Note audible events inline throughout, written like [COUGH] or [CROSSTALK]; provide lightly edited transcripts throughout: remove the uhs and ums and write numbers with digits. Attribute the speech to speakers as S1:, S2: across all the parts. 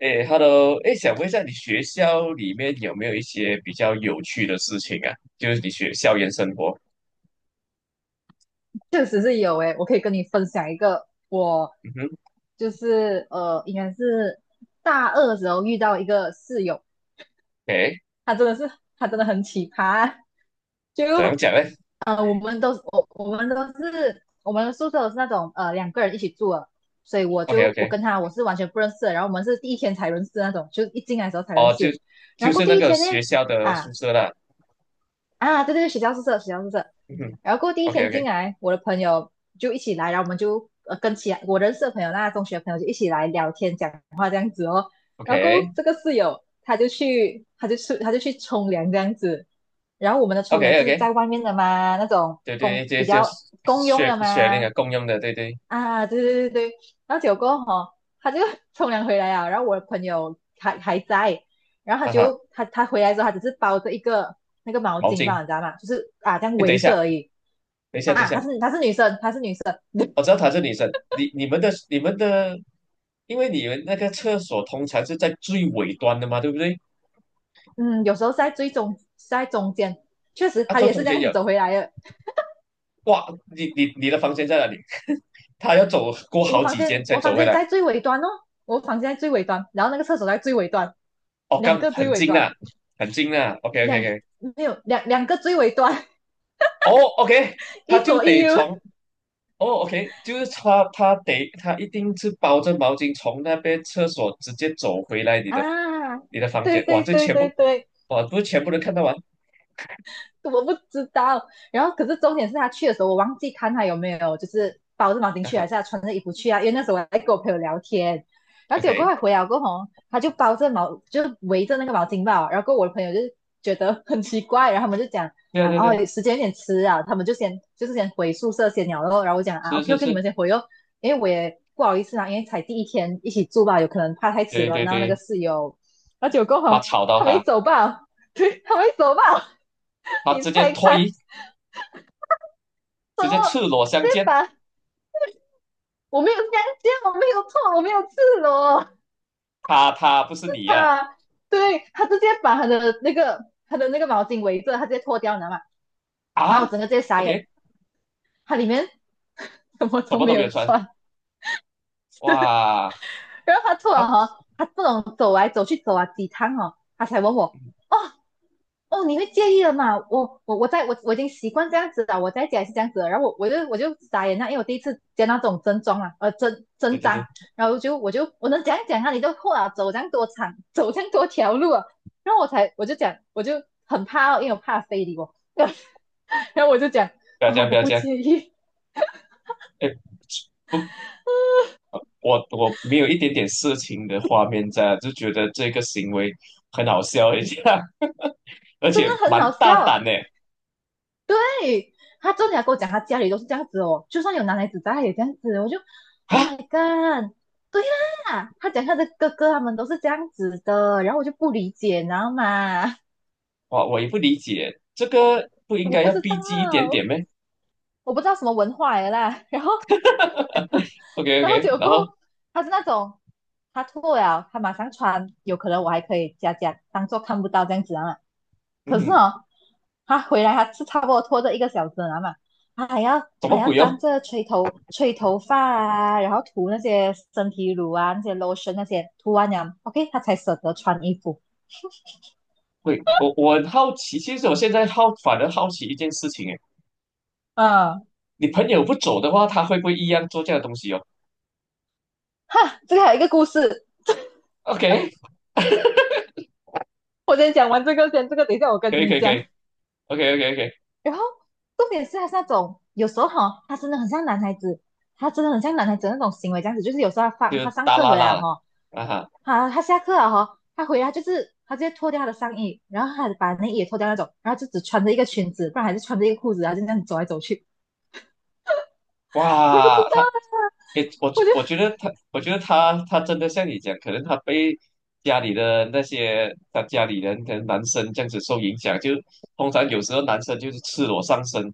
S1: 哎，Hello，哎，想问一下，你学校里面有没有一些比较有趣的事情啊？就是你学校园生活。
S2: 确实是有诶，我可以跟你分享一个。我
S1: 嗯哼。
S2: 就是呃，应该是大二的时候遇到一个室友，
S1: 哎，
S2: 他真的是他真的很奇葩。就
S1: 怎样讲呢？
S2: 我们都我我们都是我们的宿舍都是那种两个人一起住的，所以
S1: o k o k
S2: 我跟他我是完全不认识的，然后我们是第一天才认识的那种，就一进来的时候才认
S1: 哦，就
S2: 识。然
S1: 就
S2: 后过
S1: 是那
S2: 第一
S1: 个
S2: 天呢。
S1: 学校的
S2: 啊，
S1: 宿舍啦。
S2: 啊，对对对，学校宿舍，学校宿舍。
S1: 嗯哼。
S2: 然后过后第一
S1: o k
S2: 天
S1: o
S2: 进
S1: k
S2: 来，我的朋友就一起来，然后我们就跟其他我认识的朋友，那中学的朋友就一起来聊天、讲话这样子哦。
S1: o
S2: 然后过
S1: k
S2: 后这个室友他就去冲凉这样子。然后我们的
S1: o
S2: 冲
S1: k
S2: 凉
S1: o k
S2: 是在外面的嘛，那种
S1: 对对对，
S2: 比
S1: 就是
S2: 较公用
S1: 学
S2: 的
S1: 学那个
S2: 嘛。
S1: 共用的，对对。
S2: 啊，对对对对。然后结果他就 [LAUGHS] 冲凉回来啊，然后我的朋友还在，然后他
S1: 啊哈。
S2: 就他他回来之后，他只是包着一个那个毛
S1: 毛
S2: 巾
S1: 巾。
S2: 吧，你知道吗？就是啊，这样
S1: 哎，等一
S2: 围着
S1: 下，
S2: 而已
S1: 等一下，等一
S2: 啊。
S1: 下，
S2: 她是她是女生，她是女生。
S1: 我知道她是女生，你们的，因为你们那个厕所通常是在最尾端的嘛，对不对？
S2: 嗯，有时候在中间，确实
S1: 啊，
S2: 她
S1: 坐
S2: 也是
S1: 中
S2: 这
S1: 间
S2: 样子
S1: 有。
S2: 走回来的。
S1: 哇，你的房间在哪里？他要走过好几间才
S2: 我房
S1: 走回
S2: 间
S1: 来。
S2: 在最尾端哦，我房间在最尾端，然后那个厕所在最尾端，
S1: 哦，
S2: 两
S1: 刚
S2: 个最
S1: 很
S2: 尾
S1: 近
S2: 端。
S1: 啊，很近啊。OK OK
S2: 两
S1: OK。
S2: 没有两两个最尾端，
S1: 哦 OK，
S2: [LAUGHS] 一
S1: 他就
S2: 左一
S1: 得
S2: 右
S1: 从哦 OK，就是他一定是包着毛巾从那边厕所直接走回来你的
S2: 啊。
S1: 你的房
S2: 对
S1: 间。哇，
S2: 对
S1: 这
S2: 对
S1: 全
S2: 对
S1: 部
S2: 对，
S1: 哇不是全部都看到完。
S2: 我不知道。然后可是重点是他去的时候，我忘记看他有没有就是包着毛巾
S1: 啊
S2: 去，还
S1: 哈。
S2: 是他穿着衣服去啊？因为那时候我在跟我朋友聊天。然后结果
S1: OK。
S2: 快回来过后哦，他就包着毛，就是围着那个毛巾吧。然后跟我的朋友就觉得很奇怪。然后他们就讲
S1: 对啊
S2: 啊，
S1: 对啊对啊。
S2: 哦，时间有点迟啊，他们就先回宿舍先聊咯。然后我讲啊
S1: 是
S2: ，OK
S1: 是
S2: OK，你
S1: 是。
S2: 们先回哦，因为我也不好意思啊，因为才第一天一起住吧，有可能怕太迟
S1: 对
S2: 了，
S1: 对
S2: 然后那个
S1: 对。
S2: 室友。然后结果过后
S1: 怕
S2: 哦
S1: 吵到
S2: 他们一
S1: 他。
S2: 走吧，[LAUGHS] 对，他们一走吧。
S1: 他
S2: 你
S1: 直接
S2: 拆
S1: 脱
S2: 开。
S1: 衣，直
S2: 然后
S1: 接赤裸
S2: 直
S1: 相
S2: 接
S1: 见。
S2: 把我没有香蕉，我没有错，我没有赤裸，
S1: 他不是
S2: 是
S1: 你呀？
S2: 他。对，他直接把他的那个毛巾围着，他直接脱掉，你知道吗？然
S1: 啊
S2: 后
S1: 啊
S2: 我整个直接傻眼。
S1: ？OK，
S2: 他里面 [LAUGHS] 什么
S1: 什
S2: 都
S1: 么
S2: 没
S1: 都没有
S2: 有
S1: 穿。
S2: 穿。
S1: 哇。
S2: 然后他突
S1: 啊，
S2: 然他这种走来走去走啊几趟哦，他才问我。哦，哦，你会介意了嘛？我我我在我我已经习惯这样子了，我在家也是这样子了。然后我就傻眼了，因为我第一次见到这种真装啊，真
S1: 对
S2: 真
S1: 对
S2: 章。
S1: 对。
S2: 然后我就我就我能讲讲啊，你都后啊走这样多长，走这样多条路啊。然后我才我就讲我就很怕哦，因为我怕非礼我，[LAUGHS] 然后我就讲
S1: 不要这
S2: 哦
S1: 样，不
S2: 我
S1: 要
S2: 不
S1: 这样。
S2: 介意。
S1: 哎，不，我我没有一点点色情的画面在啊，就觉得这个行为很好笑一下，[LAUGHS] 而
S2: [LAUGHS] 真
S1: 且
S2: 的很
S1: 蛮
S2: 好
S1: 大胆
S2: 笑。
S1: 呢。
S2: 对，他真的要跟我讲，他家里都是这样子哦，就算有男孩子在，他也这样子。我就
S1: 啊。
S2: ，Oh my god！对啦，他讲他的哥哥他们都是这样子的，然后我就不理解，你知道吗？
S1: 哇，我也不理解，这个不
S2: [LAUGHS]
S1: 应
S2: 我
S1: 该
S2: 不
S1: 要
S2: 知
S1: 逼近一点
S2: 道，
S1: 点咩？
S2: 我不知道什么文化来的啦。[LAUGHS] 然后，
S1: o k
S2: 然后
S1: OK，
S2: 结果
S1: 然
S2: 过后
S1: 后
S2: 他是那种，他脱了，他马上穿，有可能我还可以假假当做看不到这样子啊。可是
S1: 嗯，
S2: 哦，他回来他是差不多拖着一个小时了嘛，他还要
S1: 什
S2: 还
S1: 么
S2: 要
S1: 鬼
S2: 站
S1: 哦？
S2: 着吹头发啊，然后涂那些身体乳啊、那些 lotion 那些，涂完了，OK，他才舍得穿衣服。
S1: 喂，我很好奇，其实我现在好反而好奇一件事情。哎，
S2: 嗯，
S1: 你朋友不走的话，他会不会一样做这样的东西哦
S2: 哈，这个还有一个故事，
S1: ？OK，
S2: 我先讲完这个先，这个等一下我跟
S1: 可以
S2: 你
S1: 可以可
S2: 讲。
S1: 以，OK OK OK。
S2: 然后重点是他是那种有时候他真的很像男孩子，他真的很像男孩子那种行为这样子。就是有时候他
S1: 就
S2: 放他上
S1: 大
S2: 课
S1: 拉
S2: 回
S1: 啦
S2: 来
S1: 了。啊哈。
S2: 好，他下课了他回来就是他直接脱掉他的上衣，然后他把内衣也脱掉那种，然后就只穿着一个裙子，不然还是穿着一个裤子，然后就这样走来走去。[LAUGHS] 我不
S1: 哇，
S2: 知道
S1: 他。
S2: 啊，
S1: 诶，我
S2: 我就
S1: 我觉得他，我觉得他，他真的像你讲，可能他被家里的那些他家里人，跟男生这样子受影响，就通常有时候男生就是赤裸上身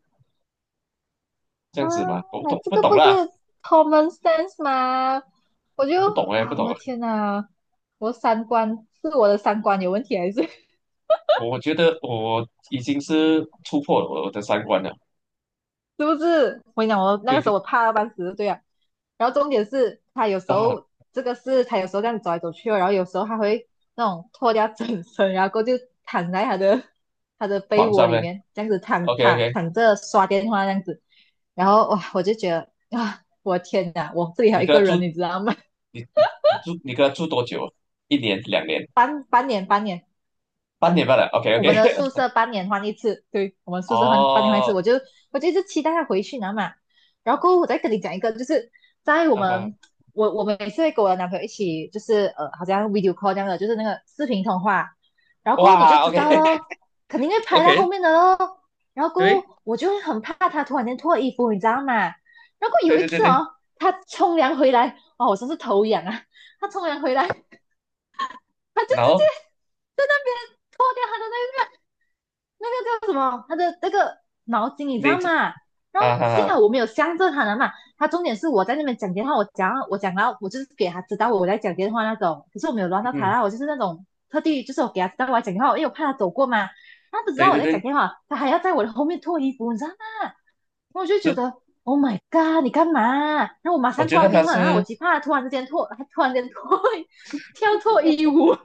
S1: 这样子嘛，我不
S2: 啊，
S1: 懂
S2: 这
S1: 不
S2: 个
S1: 懂
S2: 不是
S1: 啦，
S2: common sense 吗？我就
S1: 我不懂哎，不
S2: 哇，
S1: 懂
S2: 我
S1: 了。
S2: 的天哪，我的三观有问题还是？
S1: 我我觉得我已经是突破了我的三观了。
S2: 是不是？我跟你讲，我那
S1: 对
S2: 个时
S1: 对
S2: 候我怕到半死，对啊。然后重点是，
S1: 啊。
S2: 他有时候这样走来走去哦，然后有时候他会那种脱掉整身，然后过后就躺在他的被
S1: 床
S2: 窝
S1: 上
S2: 里
S1: 面
S2: 面，这样子
S1: ，OK OK。
S2: 躺着刷电话这样子。然后哇，我就觉得啊，我天哪，我这里还
S1: 你
S2: 有一
S1: 跟
S2: 个
S1: 他住，
S2: 人，你知道吗？
S1: 你跟他住多久？一年两年，
S2: [LAUGHS] 半年半年，
S1: 半年半了，OK
S2: 我
S1: OK。
S2: 们的宿舍半年换一次，对我们
S1: [LAUGHS]
S2: 宿舍换半年换一次。
S1: 哦。
S2: 我就一直期待他回去拿嘛。然后过后我再跟你讲一个，就是在我
S1: 嗯哼。
S2: 们我我们每次会跟我的男朋友一起，就是好像 video call 这样的，就是那个视频通话。然后过后你就
S1: 哇
S2: 知
S1: ，OK。
S2: 道咯，肯定会
S1: [LAUGHS]。
S2: 拍到后
S1: OK。
S2: 面的咯。然后过
S1: 对
S2: 后我就会很怕他突然间脱衣服，你知道吗？然后
S1: 对
S2: 有一
S1: 对对
S2: 次
S1: 对。
S2: 哦，他冲凉回来，哦，我真是头痒啊！他冲凉回来，他就
S1: 然
S2: 直接
S1: 后
S2: 在那边脱掉他的那。那个叫什么？他的那个毛巾，你知
S1: 那
S2: 道
S1: 只。
S2: 吗？然后
S1: 哈哈
S2: 幸
S1: 哈。
S2: 好我没有向着他了嘛。他重点是我在那边讲电话，我讲到我就是给他知道我在讲电话那种，可是我没有乱到他
S1: 嗯。
S2: 啦，我就是那种特地就是我给他知道我在讲电话，因为我怕他走过嘛。他不知
S1: 对
S2: 道我
S1: 对
S2: 在讲
S1: 对。
S2: 电话，他还要在我的后面脱衣服，你知道吗？我就觉
S1: 就
S2: 得 Oh my god，你干嘛？然后我马
S1: 我
S2: 上
S1: 觉
S2: 挂
S1: 得
S2: 电
S1: 他
S2: 话，然后我
S1: 是
S2: 极怕他突然之间脱，他突然间脱 [LAUGHS] 跳脱衣舞，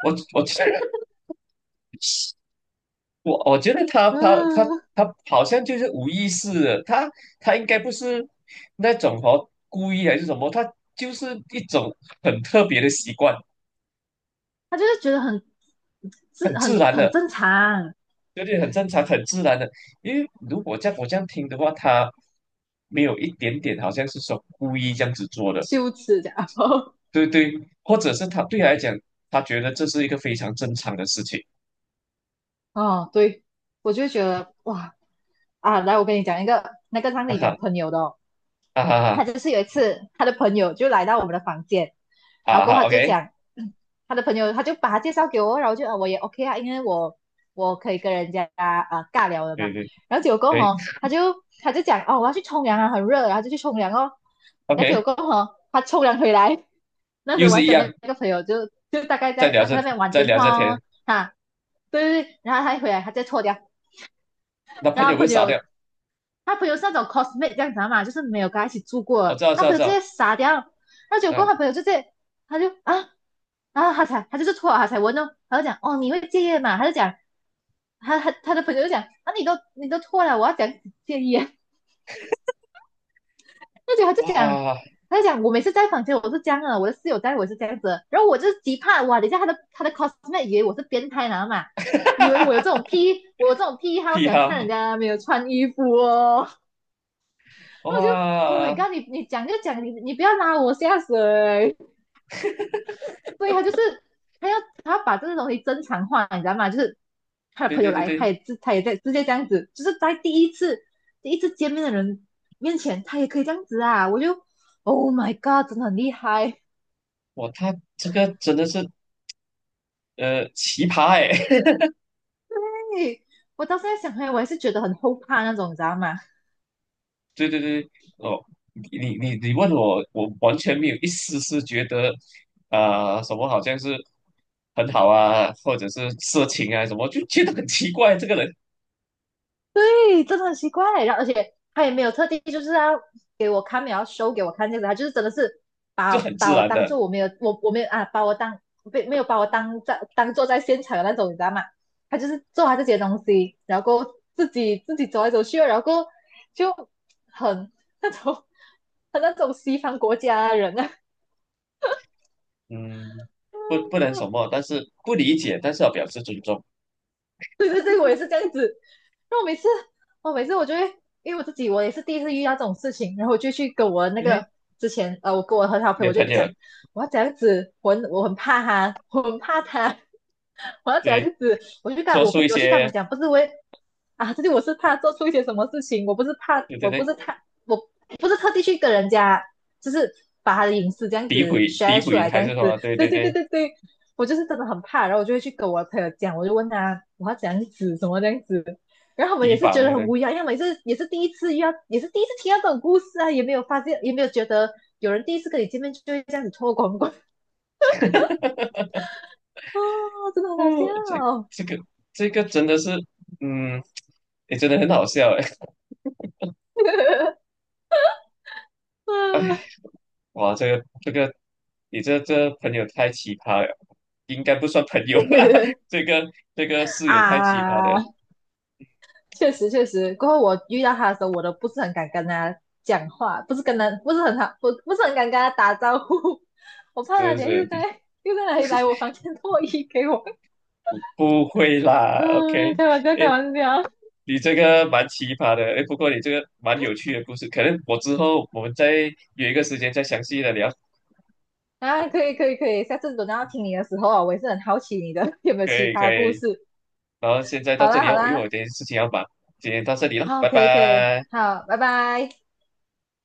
S1: 我觉得 [LAUGHS] 我觉得他他他
S2: 嗯。
S1: 他好像就是无意识的，他他应该不是那种哦故意还是什么，他就是一种很特别的习惯，
S2: 他就是觉得很
S1: 很
S2: 是
S1: 自
S2: 很
S1: 然
S2: 很
S1: 的。
S2: 正常，
S1: 对对？很正常很自然的，因为如果在我这样听的话，他没有一点点好像是说故意这样子做的。
S2: 羞耻这样。[LAUGHS]
S1: 对对。或者是他对他来讲，他觉得这是一个非常正常的事情。
S2: 哦，对，我就觉得哇啊，来，我跟你讲一个，那个让
S1: 啊
S2: 你讲
S1: 哈。
S2: 朋友的哦，
S1: 啊哈哈。
S2: 他就是有一次他的朋友就来到我们的房间，然后
S1: 啊
S2: 过
S1: 哈
S2: 后他就
S1: ，OK。
S2: 讲嗯 [CLEARS THROAT] 他的朋友，他就把他介绍给我，然后就啊我也 OK 啊，因为我可以跟人家啊尬聊的嘛，
S1: 对对
S2: 然后结果过后
S1: 对
S2: 哦他就讲哦我要去冲凉啊，很热，然后就去冲凉哦，然后结
S1: ，OK。
S2: 果过后哦他冲凉回来，那时
S1: 又
S2: 候我
S1: 是
S2: 还
S1: 一
S2: 跟那
S1: 样，
S2: 个朋友就大概
S1: 在
S2: 在
S1: 聊这
S2: 在那边玩
S1: 在
S2: 电
S1: 聊这
S2: 话
S1: 天。
S2: 哦哈，对对对，然后他一回来他再错掉，
S1: 那朋
S2: 然
S1: 友
S2: 后
S1: 会
S2: 朋
S1: 傻掉。
S2: 友他朋友是那种 cosmate 这样子嘛，就是没有跟他一起住
S1: 我
S2: 过
S1: 知道知
S2: 他
S1: 道
S2: 朋友
S1: 知
S2: 直接
S1: 道。
S2: 傻掉，那结果
S1: 啊。
S2: 他朋友就直接他就啊，然后他就是错了，他才问哦，他就讲哦你会介意嘛，他就讲他的朋友就讲啊你都错了，我要讲戒烟，那就他就讲，
S1: 哇。[LAUGHS]
S2: 他就讲我每次在房间我是这样的，我的室友在我是这样子然后我就是极怕哇，等一下他的 cosmate 以为我是变态男嘛，以为
S1: 哈
S2: 我有这
S1: 哈
S2: 种癖，我有这种癖好，喜
S1: 癖
S2: 欢看
S1: 哈。
S2: 人家没有穿衣服哦，[LAUGHS] 然后我就 Oh my
S1: 哇。
S2: god，你讲就讲，你不要拉我下水。对他就是他要他要把这个东西正常化，你知道吗？就是他的
S1: 对
S2: 朋友
S1: 对对
S2: 来，
S1: 对。
S2: 他也在直接这样子，就是在第一次见面的人面前，他也可以这样子啊！我就 Oh my God，真的很厉害！[LAUGHS]
S1: 哇，他这个真的是呃奇葩哎。
S2: 嘿我到现在想回来我还是觉得很后怕那种，你知道吗？
S1: 对对对。哦，你问我，我完全没有一丝丝觉得，啊、什么好像是很好啊，或者是色情啊什么，就觉得很奇怪，这个人
S2: 对，真的很奇怪。然后，而且他也没有特地就是要给我看，没有要 show 给我看这样子，他就是真的是
S1: 就
S2: 把
S1: 很自
S2: 把我
S1: 然
S2: 当
S1: 的。
S2: 做我没有啊，把我当没有把我当在当做在现场的那种，你知道吗？他就是做他自己的东西，然后过后自己走来走去，然后过后就很那种 [LAUGHS] 很那种西方国家的人啊，
S1: 嗯，不不能什么，但是不理解，但是要表示尊重。
S2: [LAUGHS] 对对对，我也是这样子。然后每次，我每次我就会，因为我自己我也是第一次遇到这种事情，然后我就去跟我那
S1: 诶，
S2: 个之前，我跟我很好的
S1: 你
S2: 朋友，
S1: 的
S2: 我就
S1: 朋友
S2: 讲，我要这样子，我很怕他，我很怕他，[LAUGHS] 我要这样
S1: 对
S2: 子，我就跟
S1: 说
S2: 我
S1: 出一
S2: 去跟他们
S1: 些
S2: 讲，不是为啊，这里我是怕做出一些什么事情，我不是怕，
S1: 对对
S2: 我不
S1: 对
S2: 是他，我不是特地去跟人家，就是把他的隐私这样
S1: 诋
S2: 子
S1: 毁
S2: share
S1: 诋
S2: 出
S1: 毁
S2: 来，这
S1: 还是
S2: 样
S1: 什么，
S2: 子，
S1: 对
S2: 对
S1: 对
S2: 对对
S1: 对
S2: 对对，我就是真的很怕，然后我就会去跟我朋友讲，我就问他我要怎样子，什么这样子，然后他们
S1: 提
S2: 也是觉得
S1: 防
S2: 很
S1: 的。
S2: 无语啊，因为他们也是第一次遇到，也是第一次听到这种故事啊，也没有发现，也没有觉得有人第一次跟你见面就会这样子脱光光啊 [LAUGHS]，真的很好
S1: 哦，这
S2: 笑
S1: 这个这个真的是。嗯，也真的很好笑哎。
S2: [LAUGHS]，
S1: [LAUGHS] 哇，这个这个，你这朋友太奇葩了，应该不算朋友啦。[LAUGHS] 这个这个室友太奇葩
S2: 啊，
S1: 了。
S2: 啊确实确实，过后我遇到他的时候，我都不是很敢跟他讲话，不是跟他不是很好，不是很敢跟他打招呼，[LAUGHS] 我怕
S1: 是
S2: 他
S1: 不
S2: 等一下
S1: 是？你
S2: 又在来我房间脱衣给我看。
S1: 不会
S2: [LAUGHS]
S1: 啦，OK？
S2: 嗯，开玩笑，开
S1: 诶，
S2: 玩笑
S1: 你这个蛮奇葩的。诶，不过你这个蛮有趣的故事，可能我之后我们再约一个时间再详细的聊。
S2: 啊，可以，可以，可以，下次等到要听你的时候啊，我也是很好奇你的 [LAUGHS] 有没有
S1: 可
S2: 奇
S1: 以可
S2: 葩故
S1: 以。
S2: 事。
S1: 然后现在到
S2: 好
S1: 这
S2: 啦，
S1: 里啊，
S2: 好
S1: 因为我
S2: 啦，
S1: 有点事情要忙，今天到这里了，
S2: 好，
S1: 拜
S2: 可以，可以，
S1: 拜。
S2: 好，拜拜。